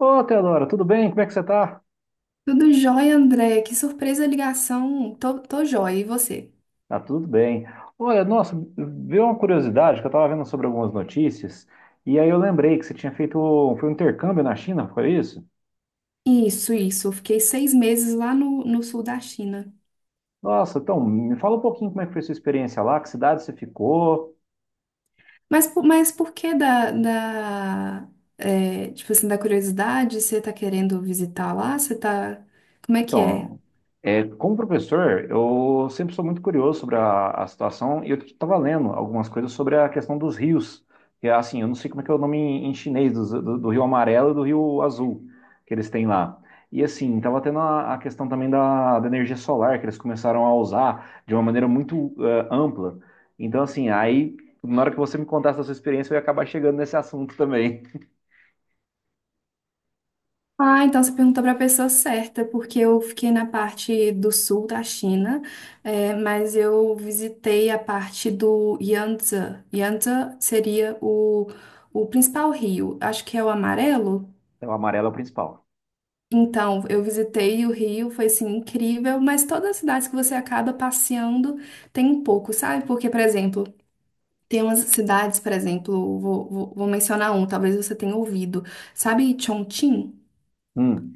Ô, Teodora, tudo bem? Como é que você tá? Tudo jóia, André. Que surpresa a ligação. Tô jóia. E você? Tá tudo bem. Olha, nossa, veio uma curiosidade que eu tava vendo sobre algumas notícias, e aí eu lembrei que você tinha feito, foi um intercâmbio na China, foi isso? Isso, isso. Eu fiquei 6 meses lá no sul da China. Nossa, então, me fala um pouquinho como é que foi a sua experiência lá, que cidade você ficou. Mas por que da é, tipo assim, da curiosidade? Você tá querendo visitar lá? Você tá... Como é que é? Então, como professor, eu sempre sou muito curioso sobre a situação e eu estava lendo algumas coisas sobre a questão dos rios. E assim, eu não sei como é que é o nome em chinês, do Rio Amarelo e do Rio Azul que eles têm lá. E assim, estava tendo a questão também da energia solar, que eles começaram a usar de uma maneira muito ampla. Então, assim, aí, na hora que você me contasse a sua experiência, eu ia acabar chegando nesse assunto também. Ah, então você perguntou para a pessoa certa, porque eu fiquei na parte do sul da China, mas eu visitei a parte do Yangtze. Yangtze seria o principal rio, acho que é o amarelo. O amarelo é o principal. Então, eu visitei o rio, foi assim incrível, mas todas as cidades que você acaba passeando tem um pouco, sabe? Porque, por exemplo, tem umas cidades, por exemplo, vou mencionar um, talvez você tenha ouvido, sabe Chongqing? Hum.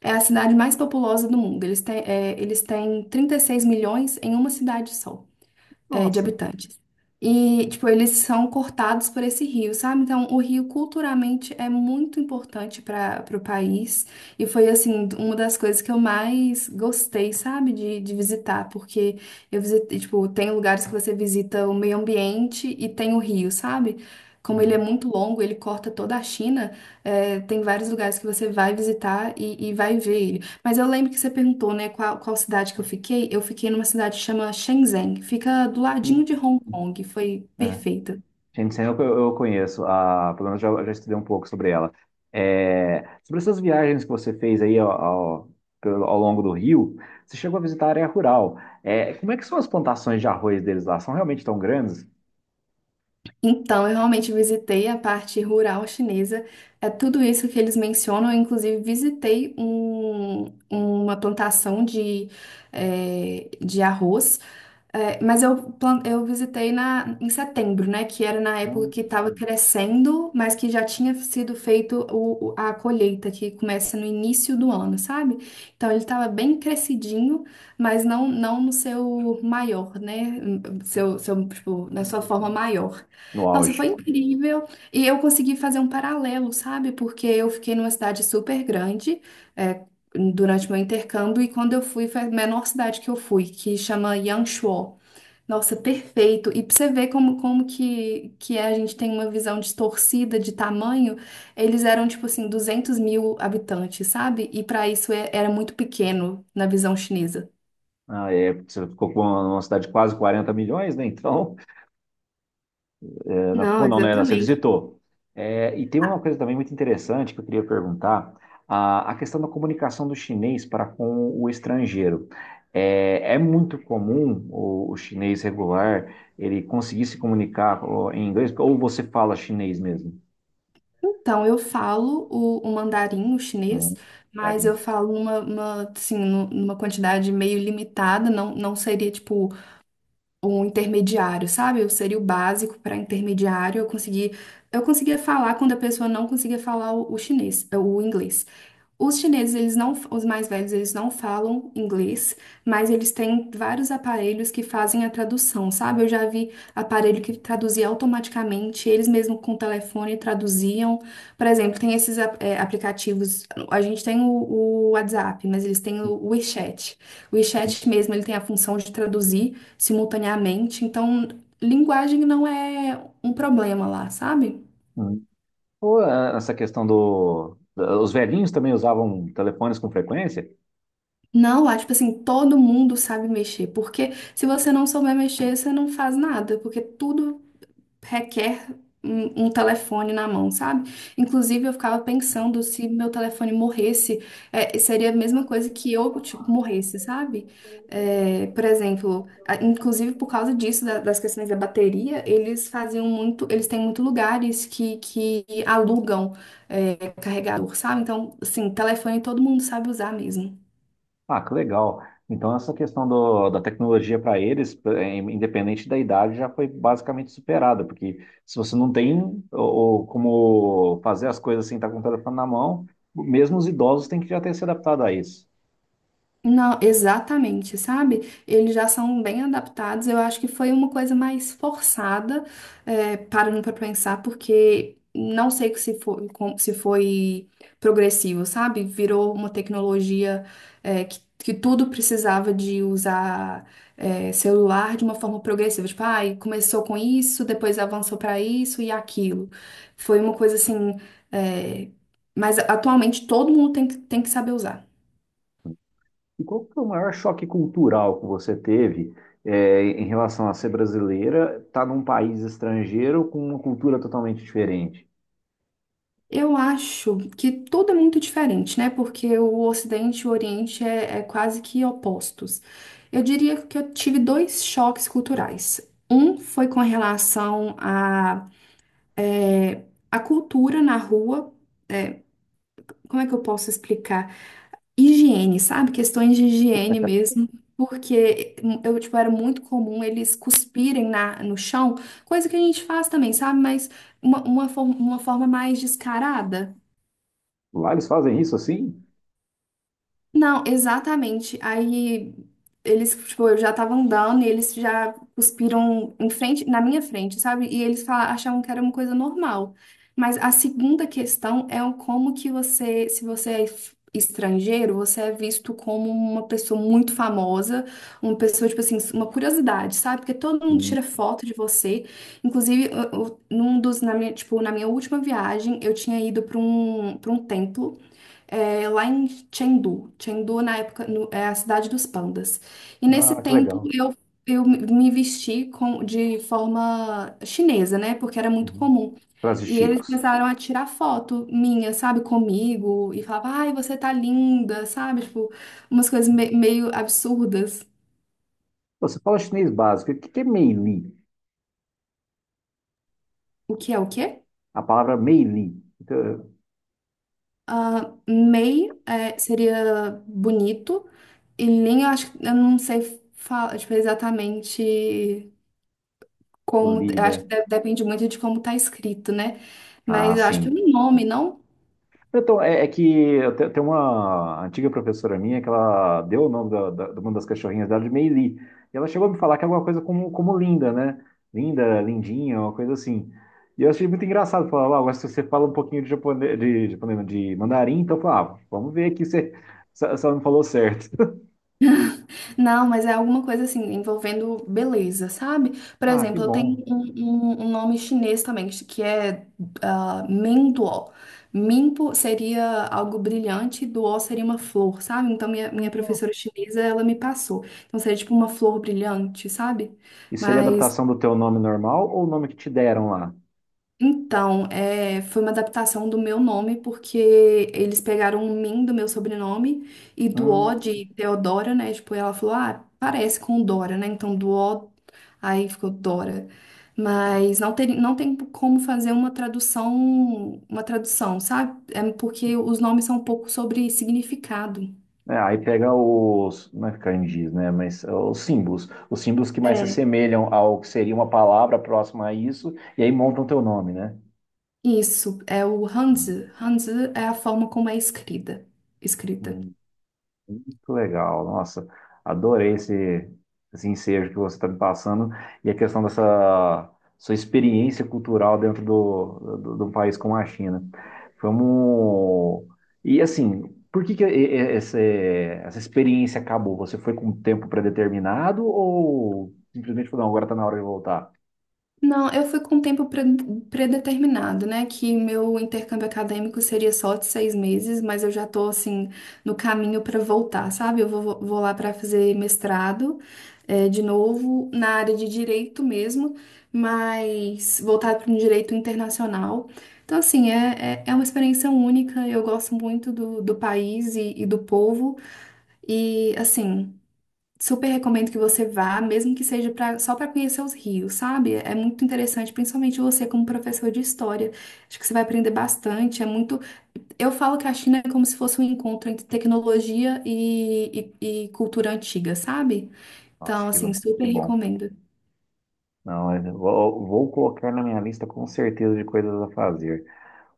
É a cidade mais populosa do mundo. Eles têm 36 milhões em uma cidade só, é, de Nossa. habitantes. E, tipo, eles são cortados por esse rio, sabe? Então, o rio culturalmente é muito importante para o país. E foi, assim, uma das coisas que eu mais gostei, sabe? De visitar, porque eu visitei, tipo, tem lugares que você visita o meio ambiente e tem o rio, sabe? Como ele é Hum. muito longo, ele corta toda a China. É, tem vários lugares que você vai visitar e vai ver ele. Mas eu lembro que você perguntou, né, qual cidade que eu fiquei. Eu fiquei numa cidade que chama Shenzhen. Fica do ladinho Hum. de Hong Hum. Kong. Foi É. perfeito. Gente, eu conheço, a, pelo menos já estudei um pouco sobre ela. É, sobre essas viagens que você fez aí ao longo do Rio, você chegou a visitar a área rural. É, como é que são as plantações de arroz deles lá? São realmente tão grandes? Então, eu realmente visitei a parte rural chinesa. É tudo isso que eles mencionam. Eu, inclusive, visitei uma plantação de arroz. É, mas eu visitei na, em setembro, né? Que era na época Hum, que estava crescendo, mas que já tinha sido feito a colheita, que começa no início do ano, sabe? Então ele estava bem crescidinho, mas não no seu maior, né? Seu tipo, na sua forma maior. no Nossa, foi auge. incrível. E eu consegui fazer um paralelo, sabe? Porque eu fiquei numa cidade super grande. É, durante meu intercâmbio e quando eu fui foi a menor cidade que eu fui, que chama Yangshuo. Nossa, perfeito. E pra você ver como que é, a gente tem uma visão distorcida de tamanho, eles eram tipo assim, 200 mil habitantes, sabe? E para isso era muito pequeno na visão chinesa. Ah, é, você ficou com uma cidade de quase 40 milhões, né? Então, é. Não Não, ficou, não, né? Você exatamente. visitou. É, e tem uma Ah, coisa também muito interessante que eu queria perguntar: a questão da comunicação do chinês para com o estrangeiro. É, é muito comum o chinês regular ele conseguir se comunicar ó, em inglês, ou você fala chinês mesmo? então, eu falo o mandarim, o chinês, Hum, tá mas eu aí. falo numa, uma, assim, nu- numa quantidade meio limitada, não seria, tipo, um intermediário, sabe? Eu seria o básico para intermediário. Eu consegui, eu conseguia falar quando a pessoa não conseguia falar o chinês, o inglês. Os chineses, eles não, os mais velhos, eles não falam inglês, mas eles têm vários aparelhos que fazem a tradução, sabe? Eu já vi aparelho que traduzia automaticamente, eles mesmo com o telefone traduziam. Por exemplo, tem esses é, aplicativos, a gente tem o WhatsApp, mas eles têm o WeChat. O WeChat mesmo, ele tem a função de traduzir simultaneamente, então linguagem não é um problema lá, sabe? Hum. Ou essa questão do. Da- Os velhinhos também usavam telefones com frequência? Não, lá, tipo assim, todo mundo sabe mexer, porque se você não souber mexer, você não faz nada, porque tudo requer um telefone na mão, sabe? Inclusive, eu ficava pensando se meu telefone morresse, é, seria a mesma coisa que eu, tipo, morresse, sabe? É, por exemplo, inclusive por causa disso, das questões da bateria, eles faziam muito, eles têm muito lugares que alugam, é, carregador, sabe? Então, assim, telefone todo mundo sabe usar mesmo. Ah, que legal. Então, essa questão da tecnologia para eles, independente da idade, já foi basicamente superada, porque se você não tem ou, ou como fazer as coisas sem estar com o telefone na mão, mesmo os idosos têm que já ter se adaptado a isso. Não, exatamente, sabe? Eles já são bem adaptados. Eu acho que foi uma coisa mais forçada, é, parando para pensar, porque não sei se foi, se foi progressivo, sabe? Virou uma tecnologia, é, que tudo precisava de usar, é, celular de uma forma progressiva. Tipo, ai, começou com isso, depois avançou para isso e aquilo. Foi uma coisa assim, é, mas atualmente todo mundo tem, tem que saber usar. E qual que foi o maior choque cultural que você teve, em relação a ser brasileira, estar num país estrangeiro com uma cultura totalmente diferente? Eu acho que tudo é muito diferente, né? Porque o Ocidente e o Oriente é, é quase que opostos. Eu diria que eu tive dois choques culturais. Um foi com relação à a cultura na rua, como é que eu posso explicar? Higiene, sabe? Questões de higiene mesmo. Porque eu, tipo, era muito comum eles cuspirem no chão, coisa que a gente faz também, sabe? Mas uma forma mais descarada. Lá eles fazem isso assim? Não, exatamente. Aí eles, tipo, eu já tava andando e eles já cuspiram em frente, na minha frente, sabe? E eles achavam que era uma coisa normal. Mas a segunda questão é o como que você, se você é estrangeiro, você é visto como uma pessoa muito famosa, uma pessoa, tipo assim, uma curiosidade, sabe? Porque todo mundo Hum. tira foto de você. Inclusive, num dos, na minha, tipo, na minha última viagem, eu tinha ido para um templo é, lá em Chengdu. Chengdu, na época, é a cidade dos pandas. E nesse Ah, que tempo legal. Eu me vesti com, de forma chinesa, né? Porque era muito Uhum. comum. Pratos E eles típicos. começaram a tirar foto minha, sabe, comigo, e falava, ai, você tá linda, sabe? Tipo, umas coisas meio absurdas. Você fala chinês básico. O que que é meili? O que é o quê? A palavra meili. Então, Ah, mei é, seria bonito, e lin, eu acho que eu não sei falar, tipo, exatamente. o Como, li, eu acho né? que depende muito de como tá escrito, né? Ah, Mas eu acho que é sim. um nome, não? Então, é que tem uma antiga professora minha que ela deu o nome de uma das cachorrinhas dela de Meili. E ela chegou a me falar que é alguma coisa como, como linda, né? Linda, lindinha, uma coisa assim. E eu achei muito engraçado. Falar, ah, agora se você fala um pouquinho de, japonês, não, de mandarim, então eu falava, ah, vamos ver aqui se, se ela me falou certo. Não, mas é alguma coisa assim, envolvendo beleza, sabe? Por Ah, que exemplo, eu tenho bom. um, um nome chinês também, que é ah, Menduo. Minpo seria algo brilhante, duo seria uma flor, sabe? Então, minha professora chinesa, ela me passou. Então, seria tipo uma flor brilhante, sabe? E seria Mas adaptação do teu nome normal ou o nome que te deram lá? então, é, foi uma adaptação do meu nome, porque eles pegaram o Min do meu sobrenome e do O de Hum, Teodora, né? Tipo, ela falou, ah, parece com Dora, né? Então, do O, aí ficou Dora. Mas não tem, não tem como fazer uma tradução, sabe? É porque os nomes são um pouco sobre significado. é, aí pega os, não é kanjis, né? Mas é, os símbolos. Os símbolos que mais se É. assemelham ao que seria uma palavra próxima a isso, e aí montam teu nome, né? Isso, é o Hum, Hanzi. Hanzi é a forma como é escrita. Escrita. hum. Muito legal, nossa, adorei esse, esse ensejo que você está me passando e a questão dessa sua experiência cultural dentro de um país como a China. Vamos. E assim, por que que essa experiência acabou? Você foi com um tempo predeterminado ou simplesmente falou, não, agora está na hora de voltar? Não, eu fui com um tempo predeterminado, né? Que meu intercâmbio acadêmico seria só de 6 meses, mas eu já tô, assim, no caminho para voltar, sabe? Eu vou lá para fazer mestrado, de novo, na área de direito mesmo, mas voltado para um direito internacional. Então, assim, é, é, é uma experiência única, eu gosto muito do país e do povo, e, assim. Super recomendo que você vá, mesmo que seja pra, só para conhecer os rios, sabe? É muito interessante, principalmente você como professor de história. Acho que você vai aprender bastante. É muito. Eu falo que a China é como se fosse um encontro entre tecnologia e cultura antiga, sabe? Nossa, Então, assim, super que bom. recomendo. Não, vou colocar na minha lista com certeza de coisas a fazer.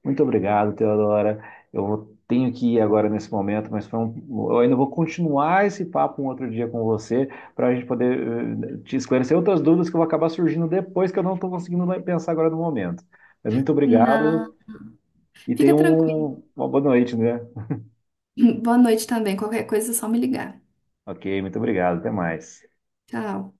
Muito obrigado, Teodora. Tenho que ir agora nesse momento, mas eu ainda vou continuar esse papo um outro dia com você para a gente poder te esclarecer outras dúvidas que vão acabar surgindo depois que eu não estou conseguindo pensar agora no momento. Mas muito obrigado Não. e Fica tenha tranquilo. uma boa noite, né? Boa noite também. Qualquer coisa é só me ligar. Ok, muito obrigado. Até mais. Tchau.